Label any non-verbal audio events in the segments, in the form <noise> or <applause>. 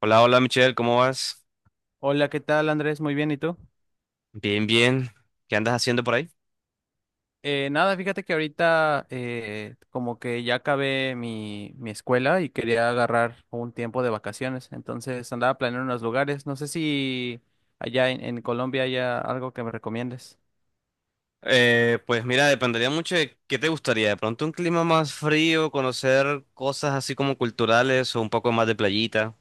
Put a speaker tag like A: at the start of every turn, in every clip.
A: Hola, hola Michelle, ¿cómo vas?
B: Hola, ¿qué tal, Andrés? Muy bien, ¿y tú?
A: Bien, bien. ¿Qué andas haciendo por ahí?
B: Nada, fíjate que ahorita como que ya acabé mi escuela y quería agarrar un tiempo de vacaciones, entonces andaba planeando unos lugares. No sé si allá en Colombia haya algo que me recomiendes.
A: Pues mira, dependería mucho de qué te gustaría. De pronto un clima más frío, conocer cosas así como culturales o un poco más de playita.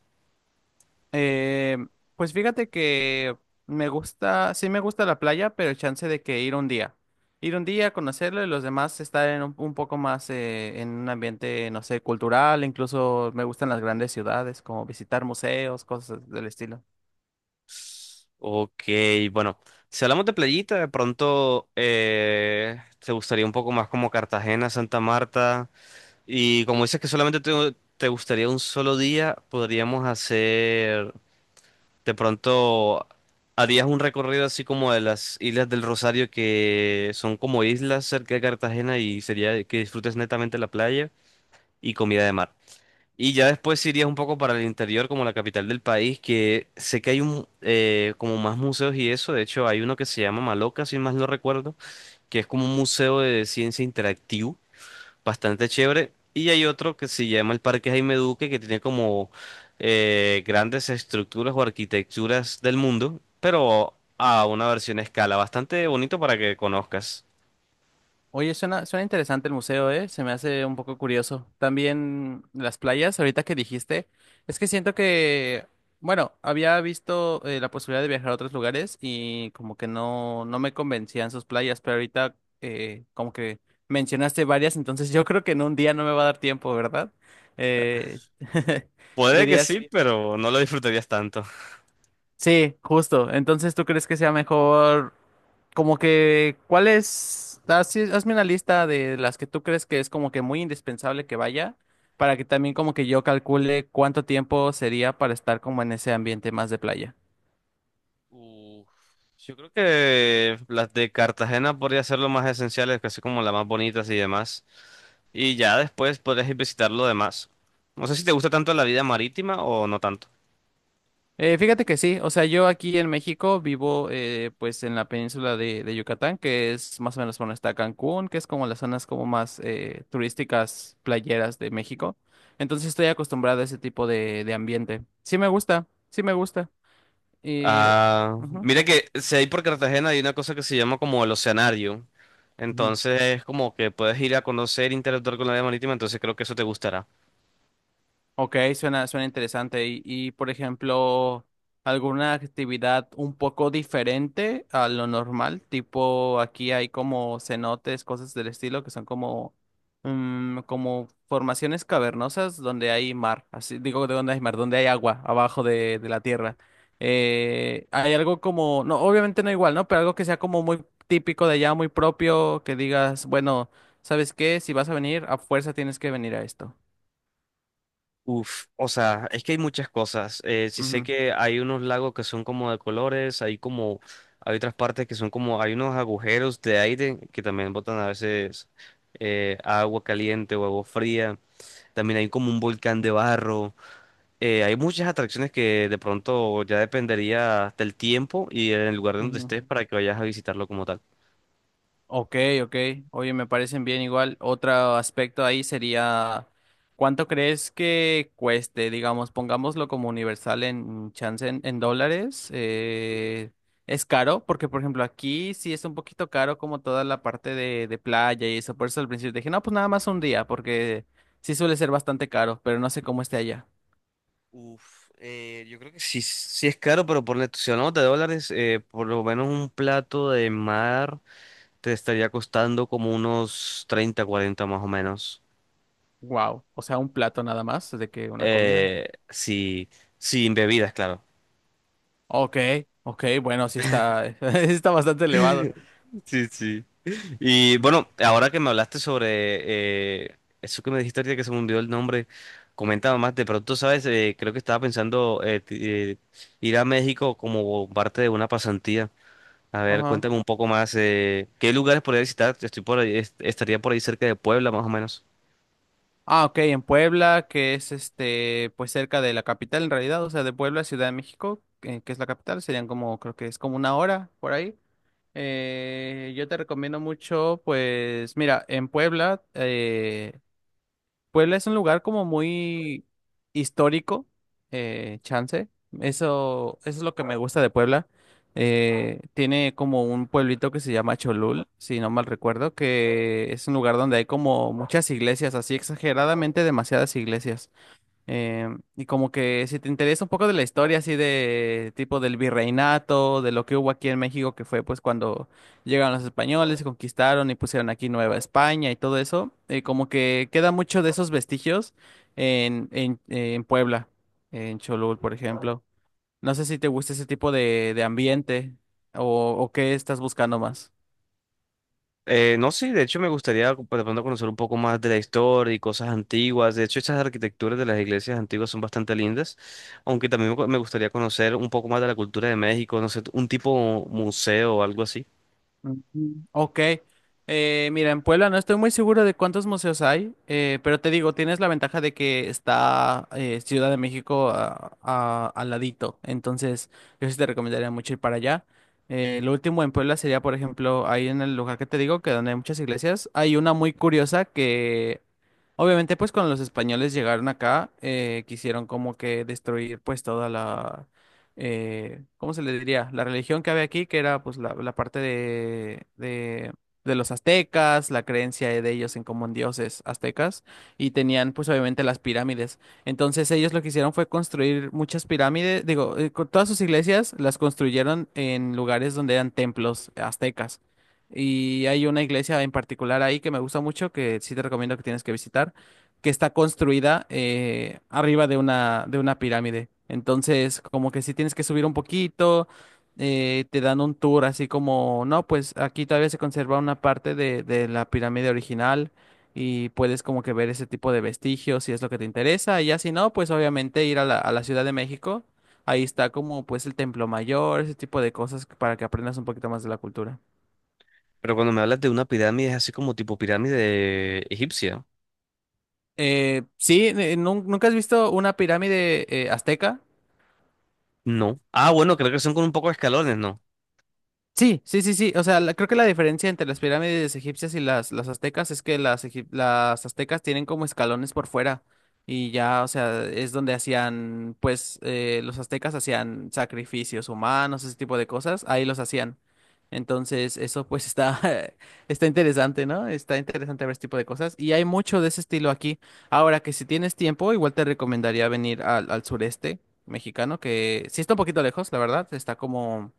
B: Eh, pues fíjate que me gusta, sí me gusta la playa, pero el chance de que ir un día. Ir un día, conocerlo y los demás estar en un poco más en un ambiente, no sé, cultural. Incluso me gustan las grandes ciudades, como visitar museos, cosas del estilo.
A: Ok, bueno, si hablamos de playita, de pronto te gustaría un poco más como Cartagena, Santa Marta. Y como dices que te gustaría un solo día, podríamos hacer. De pronto harías un recorrido así como de las Islas del Rosario, que son como islas cerca de Cartagena y sería que disfrutes netamente la playa y comida de mar. Y ya después irías un poco para el interior, como la capital del país, que sé que hay un, como más museos y eso. De hecho, hay uno que se llama Maloca, si más no recuerdo, que es como un museo de ciencia interactivo bastante chévere. Y hay otro que se llama el Parque Jaime Duque, que tiene como grandes estructuras o arquitecturas del mundo, pero a una versión a escala, bastante bonito para que conozcas.
B: Oye, suena interesante el museo, ¿eh? Se me hace un poco curioso. También las playas, ahorita que dijiste, es que siento que, bueno, había visto la posibilidad de viajar a otros lugares y como que no, no me convencían sus playas, pero ahorita como que mencionaste varias, entonces yo creo que en un día no me va a dar tiempo, ¿verdad? Eh, <laughs>
A: Puede que sí,
B: Dirías,
A: sí, pero no lo disfrutarías tanto.
B: sí, justo. Entonces, ¿tú crees que sea mejor? Como que, ¿cuál es? Hazme una lista de las que tú crees que es como que muy indispensable que vaya, para que también como que yo calcule cuánto tiempo sería para estar como en ese ambiente más de playa.
A: Uf, Yo creo que las de Cartagena podría ser lo más esenciales, casi como las más bonitas y demás. Y ya después podrías ir visitar lo demás. No sé si te gusta tanto la vida marítima o no tanto.
B: Fíjate que sí, o sea, yo aquí en México vivo pues en la península de Yucatán, que es más o menos donde está Cancún, que es como las zonas como más turísticas, playeras de México. Entonces estoy acostumbrado a ese tipo de ambiente. Sí me gusta, sí me gusta. Y...
A: Ah,
B: Ujú,
A: mira que si hay por Cartagena hay una cosa que se llama como el Oceanario.
B: ujú.
A: Entonces es como que puedes ir a conocer, interactuar con la vida marítima, entonces creo que eso te gustará.
B: Ok, suena interesante. Y, por ejemplo, alguna actividad un poco diferente a lo normal, tipo aquí hay como cenotes, cosas del estilo, que son como, mm, como formaciones cavernosas donde hay mar, así digo de donde hay mar, donde hay agua abajo de la tierra. Hay algo como, no, obviamente no igual, ¿no? Pero algo que sea como muy típico de allá, muy propio, que digas, bueno, ¿sabes qué? Si vas a venir, a fuerza tienes que venir a esto.
A: Uf, o sea, es que hay muchas cosas. Sí sé
B: Ujú,
A: que hay unos lagos que son como de colores, hay otras partes que son como hay unos agujeros de aire que también botan a veces agua caliente o agua fría. También hay como un volcán de barro. Hay muchas atracciones que de pronto ya dependería del tiempo y en el lugar donde
B: ujú.
A: estés para que vayas a visitarlo como tal.
B: Ok, ok. Oye, me parecen bien igual. Otro aspecto ahí sería, ¿cuánto crees que cueste? Digamos, pongámoslo como universal en chance en dólares. Eh, es caro, porque por ejemplo aquí sí es un poquito caro como toda la parte de playa y eso. Por eso al principio dije, no, pues nada más un día, porque sí suele ser bastante caro, pero no sé cómo esté allá.
A: Uf, yo creo que sí, sí es caro, pero por la si hablamos de dólares, por lo menos un plato de mar te estaría costando como unos 30, 40 más o menos.
B: Wow. O sea, un plato nada más de que una comida.
A: Sí, sin bebidas, claro.
B: Ok, ok, bueno, sí está, <laughs> sí está bastante elevado.
A: Sí, sí. Y bueno, ahora que me hablaste sobre eso que me dijiste ahorita que se me hundió el nombre, comentaba más, de pronto, ¿sabes? Creo que estaba pensando ir a México como parte de una pasantía. A ver,
B: Ajá.
A: cuéntame un poco más, ¿qué lugares podría visitar? Estoy por ahí, estaría por ahí cerca de Puebla, más o menos.
B: Ah, ok, en Puebla, que es este, pues cerca de la capital en realidad, o sea, de Puebla, a Ciudad de México, que es la capital, serían como, creo que es como 1 hora por ahí. Yo te recomiendo mucho, pues, mira, en Puebla, Puebla es un lugar como muy histórico, chance. Eso es lo que me gusta de Puebla. Tiene como un pueblito que se llama Cholul, si no mal recuerdo, que es un lugar donde hay como muchas iglesias, así exageradamente demasiadas iglesias. Eh, y como que si te interesa un poco de la historia así de tipo del virreinato, de lo que hubo aquí en México, que fue pues cuando llegaron los españoles, conquistaron y pusieron aquí Nueva España y todo eso, como que queda mucho de esos vestigios en, en Puebla, en Cholul, por ejemplo. No sé si te gusta ese tipo de ambiente o qué estás buscando más.
A: No, sí, de hecho de pronto conocer un poco más de la historia y cosas antiguas. De hecho, estas arquitecturas de las iglesias antiguas son bastante lindas, aunque también me gustaría conocer un poco más de la cultura de México, no sé, un tipo museo o algo así.
B: Ujú. Ok. Mira, en Puebla no estoy muy seguro de cuántos museos hay, pero te digo, tienes la ventaja de que está Ciudad de México al ladito. Entonces, yo sí te recomendaría mucho ir para allá. Lo último en Puebla sería, por ejemplo, ahí en el lugar que te digo, que donde hay muchas iglesias, hay una muy curiosa que obviamente, pues cuando los españoles llegaron acá, quisieron como que destruir pues toda la, ¿cómo se le diría? La religión que había aquí, que era pues la parte de los aztecas, la creencia de ellos en como en dioses aztecas, y tenían pues obviamente las pirámides. Entonces ellos lo que hicieron fue construir muchas pirámides, digo, todas sus iglesias las construyeron en lugares donde eran templos aztecas. Y hay una iglesia en particular ahí que me gusta mucho, que sí te recomiendo que tienes que visitar, que está construida arriba de una pirámide. Entonces, como que sí tienes que subir un poquito, te dan un tour así como, no, pues aquí todavía se conserva una parte de la pirámide original y puedes como que ver ese tipo de vestigios si es lo que te interesa. Y ya si no, pues obviamente ir a la Ciudad de México. Ahí está como pues el Templo Mayor, ese tipo de cosas para que aprendas un poquito más de la cultura.
A: Pero cuando me hablas de una pirámide, es así como tipo pirámide egipcia.
B: Sí, ¿nunca has visto una pirámide azteca?
A: No. Ah, bueno, creo que son con un poco de escalones, ¿no?
B: Sí, sí, sí, sí. O sea, creo que la diferencia entre las pirámides egipcias y las aztecas es que las aztecas tienen como escalones por fuera y ya, o sea, es donde hacían, pues, los aztecas hacían sacrificios humanos, ese tipo de cosas, ahí los hacían. Entonces, eso pues está, <laughs> está interesante, ¿no? Está interesante ver ese tipo de cosas y hay mucho de ese estilo aquí. Ahora que si tienes tiempo, igual te recomendaría venir al, al sureste mexicano, que sí está un poquito lejos, la verdad, está como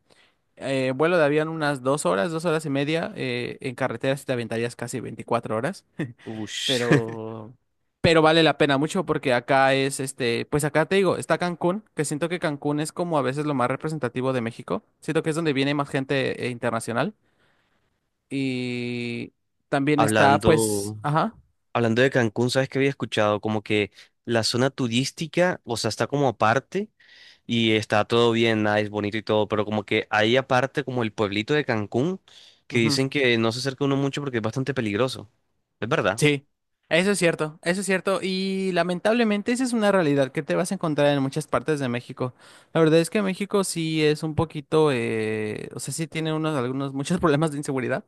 B: vuelo de avión unas 2 horas, 2 horas y media. En carretera sí te aventarías casi 24 horas,
A: Ush. <laughs>
B: pero, pero vale la pena mucho porque acá es, este, pues acá te digo, está Cancún, que siento que Cancún es como a veces lo más representativo de México. Siento que es donde viene más gente internacional. Y también está, pues,
A: Hablando,
B: ajá.
A: hablando de Cancún, ¿sabes qué había escuchado? Como que la zona turística, o sea, está como aparte. Y está todo bien, nice, bonito y todo, pero como que hay aparte como el pueblito de Cancún, que
B: Ujú.
A: dicen que no se acerca uno mucho porque es bastante peligroso. ¿Es verdad?
B: Sí, eso es cierto, eso es cierto. Y lamentablemente esa es una realidad que te vas a encontrar en muchas partes de México. La verdad es que México sí es un poquito, o sea, sí tiene unos, algunos, muchos <laughs> problemas de inseguridad.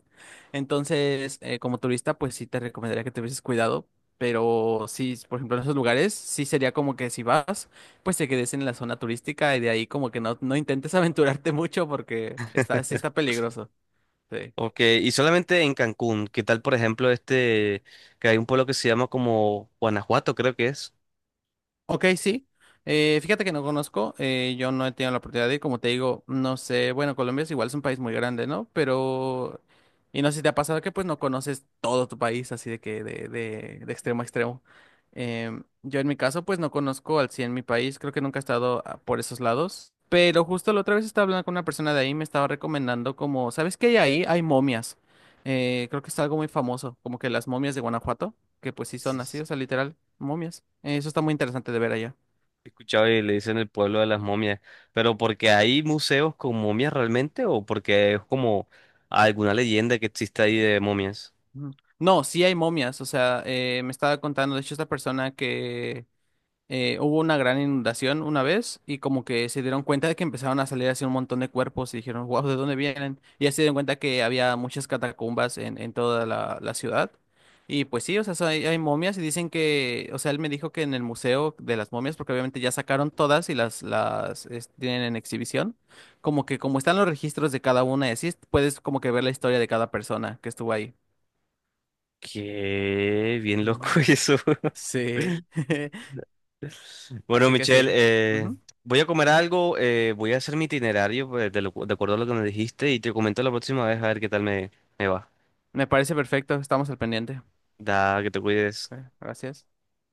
B: Entonces, como turista, pues sí te recomendaría que te hubieses cuidado. Pero sí, por ejemplo, en esos lugares, sí sería como que si vas, pues te quedes en la zona turística y de ahí como que no, no intentes <laughs> aventurarte mucho porque está, sí está peligroso. Sí.
A: Ok, y solamente en Cancún, ¿qué tal por ejemplo este, que hay un pueblo que se llama como Guanajuato, creo que es?
B: Ok, sí. Fíjate que no conozco, yo no he tenido la oportunidad de ir, como te digo, no sé, bueno, Colombia es igual, es un país muy grande, ¿no? Pero, y no sé si te ha pasado que pues no conoces todo tu país, así de que de extremo a extremo. Yo en mi caso pues no conozco al 100 mi país, creo que nunca he estado por esos lados, pero justo la otra vez estaba hablando con una persona de ahí, y me estaba recomendando como, ¿sabes qué hay ahí? Hay momias. Creo que es algo muy famoso, como que las momias de Guanajuato, que pues sí
A: Sí,
B: son así,
A: sí,
B: o sea, literal. Momias. Eso está
A: sí.
B: muy interesante de ver allá.
A: He escuchado y le dicen el pueblo de las momias, pero porque hay museos con momias realmente o porque es como alguna leyenda que existe ahí de momias.
B: Ujú. No, sí hay momias. O sea, me estaba contando, de hecho, esta persona que hubo una gran inundación una vez y como que se dieron cuenta de que empezaron a salir así un montón de cuerpos y dijeron, wow, ¿de dónde vienen? Y ya se dieron cuenta que había muchas catacumbas en, toda la ciudad. Y pues sí, o sea, hay momias y dicen que, o sea, él me dijo que en el museo de las momias, porque obviamente ya sacaron todas y tienen en exhibición, como que como están los registros de cada una y así, puedes como que ver la historia de cada persona que estuvo ahí.
A: Qué bien loco <laughs>
B: Mm.
A: eso.
B: Sí, <laughs>
A: Bueno,
B: así que sí.
A: Michelle,
B: Ujú.
A: voy a comer algo, voy a hacer mi itinerario pues, de acuerdo a lo que me dijiste y te comento la próxima vez a ver qué tal me va.
B: Me parece perfecto, estamos al pendiente.
A: Da, que te cuides.
B: Bueno, gracias.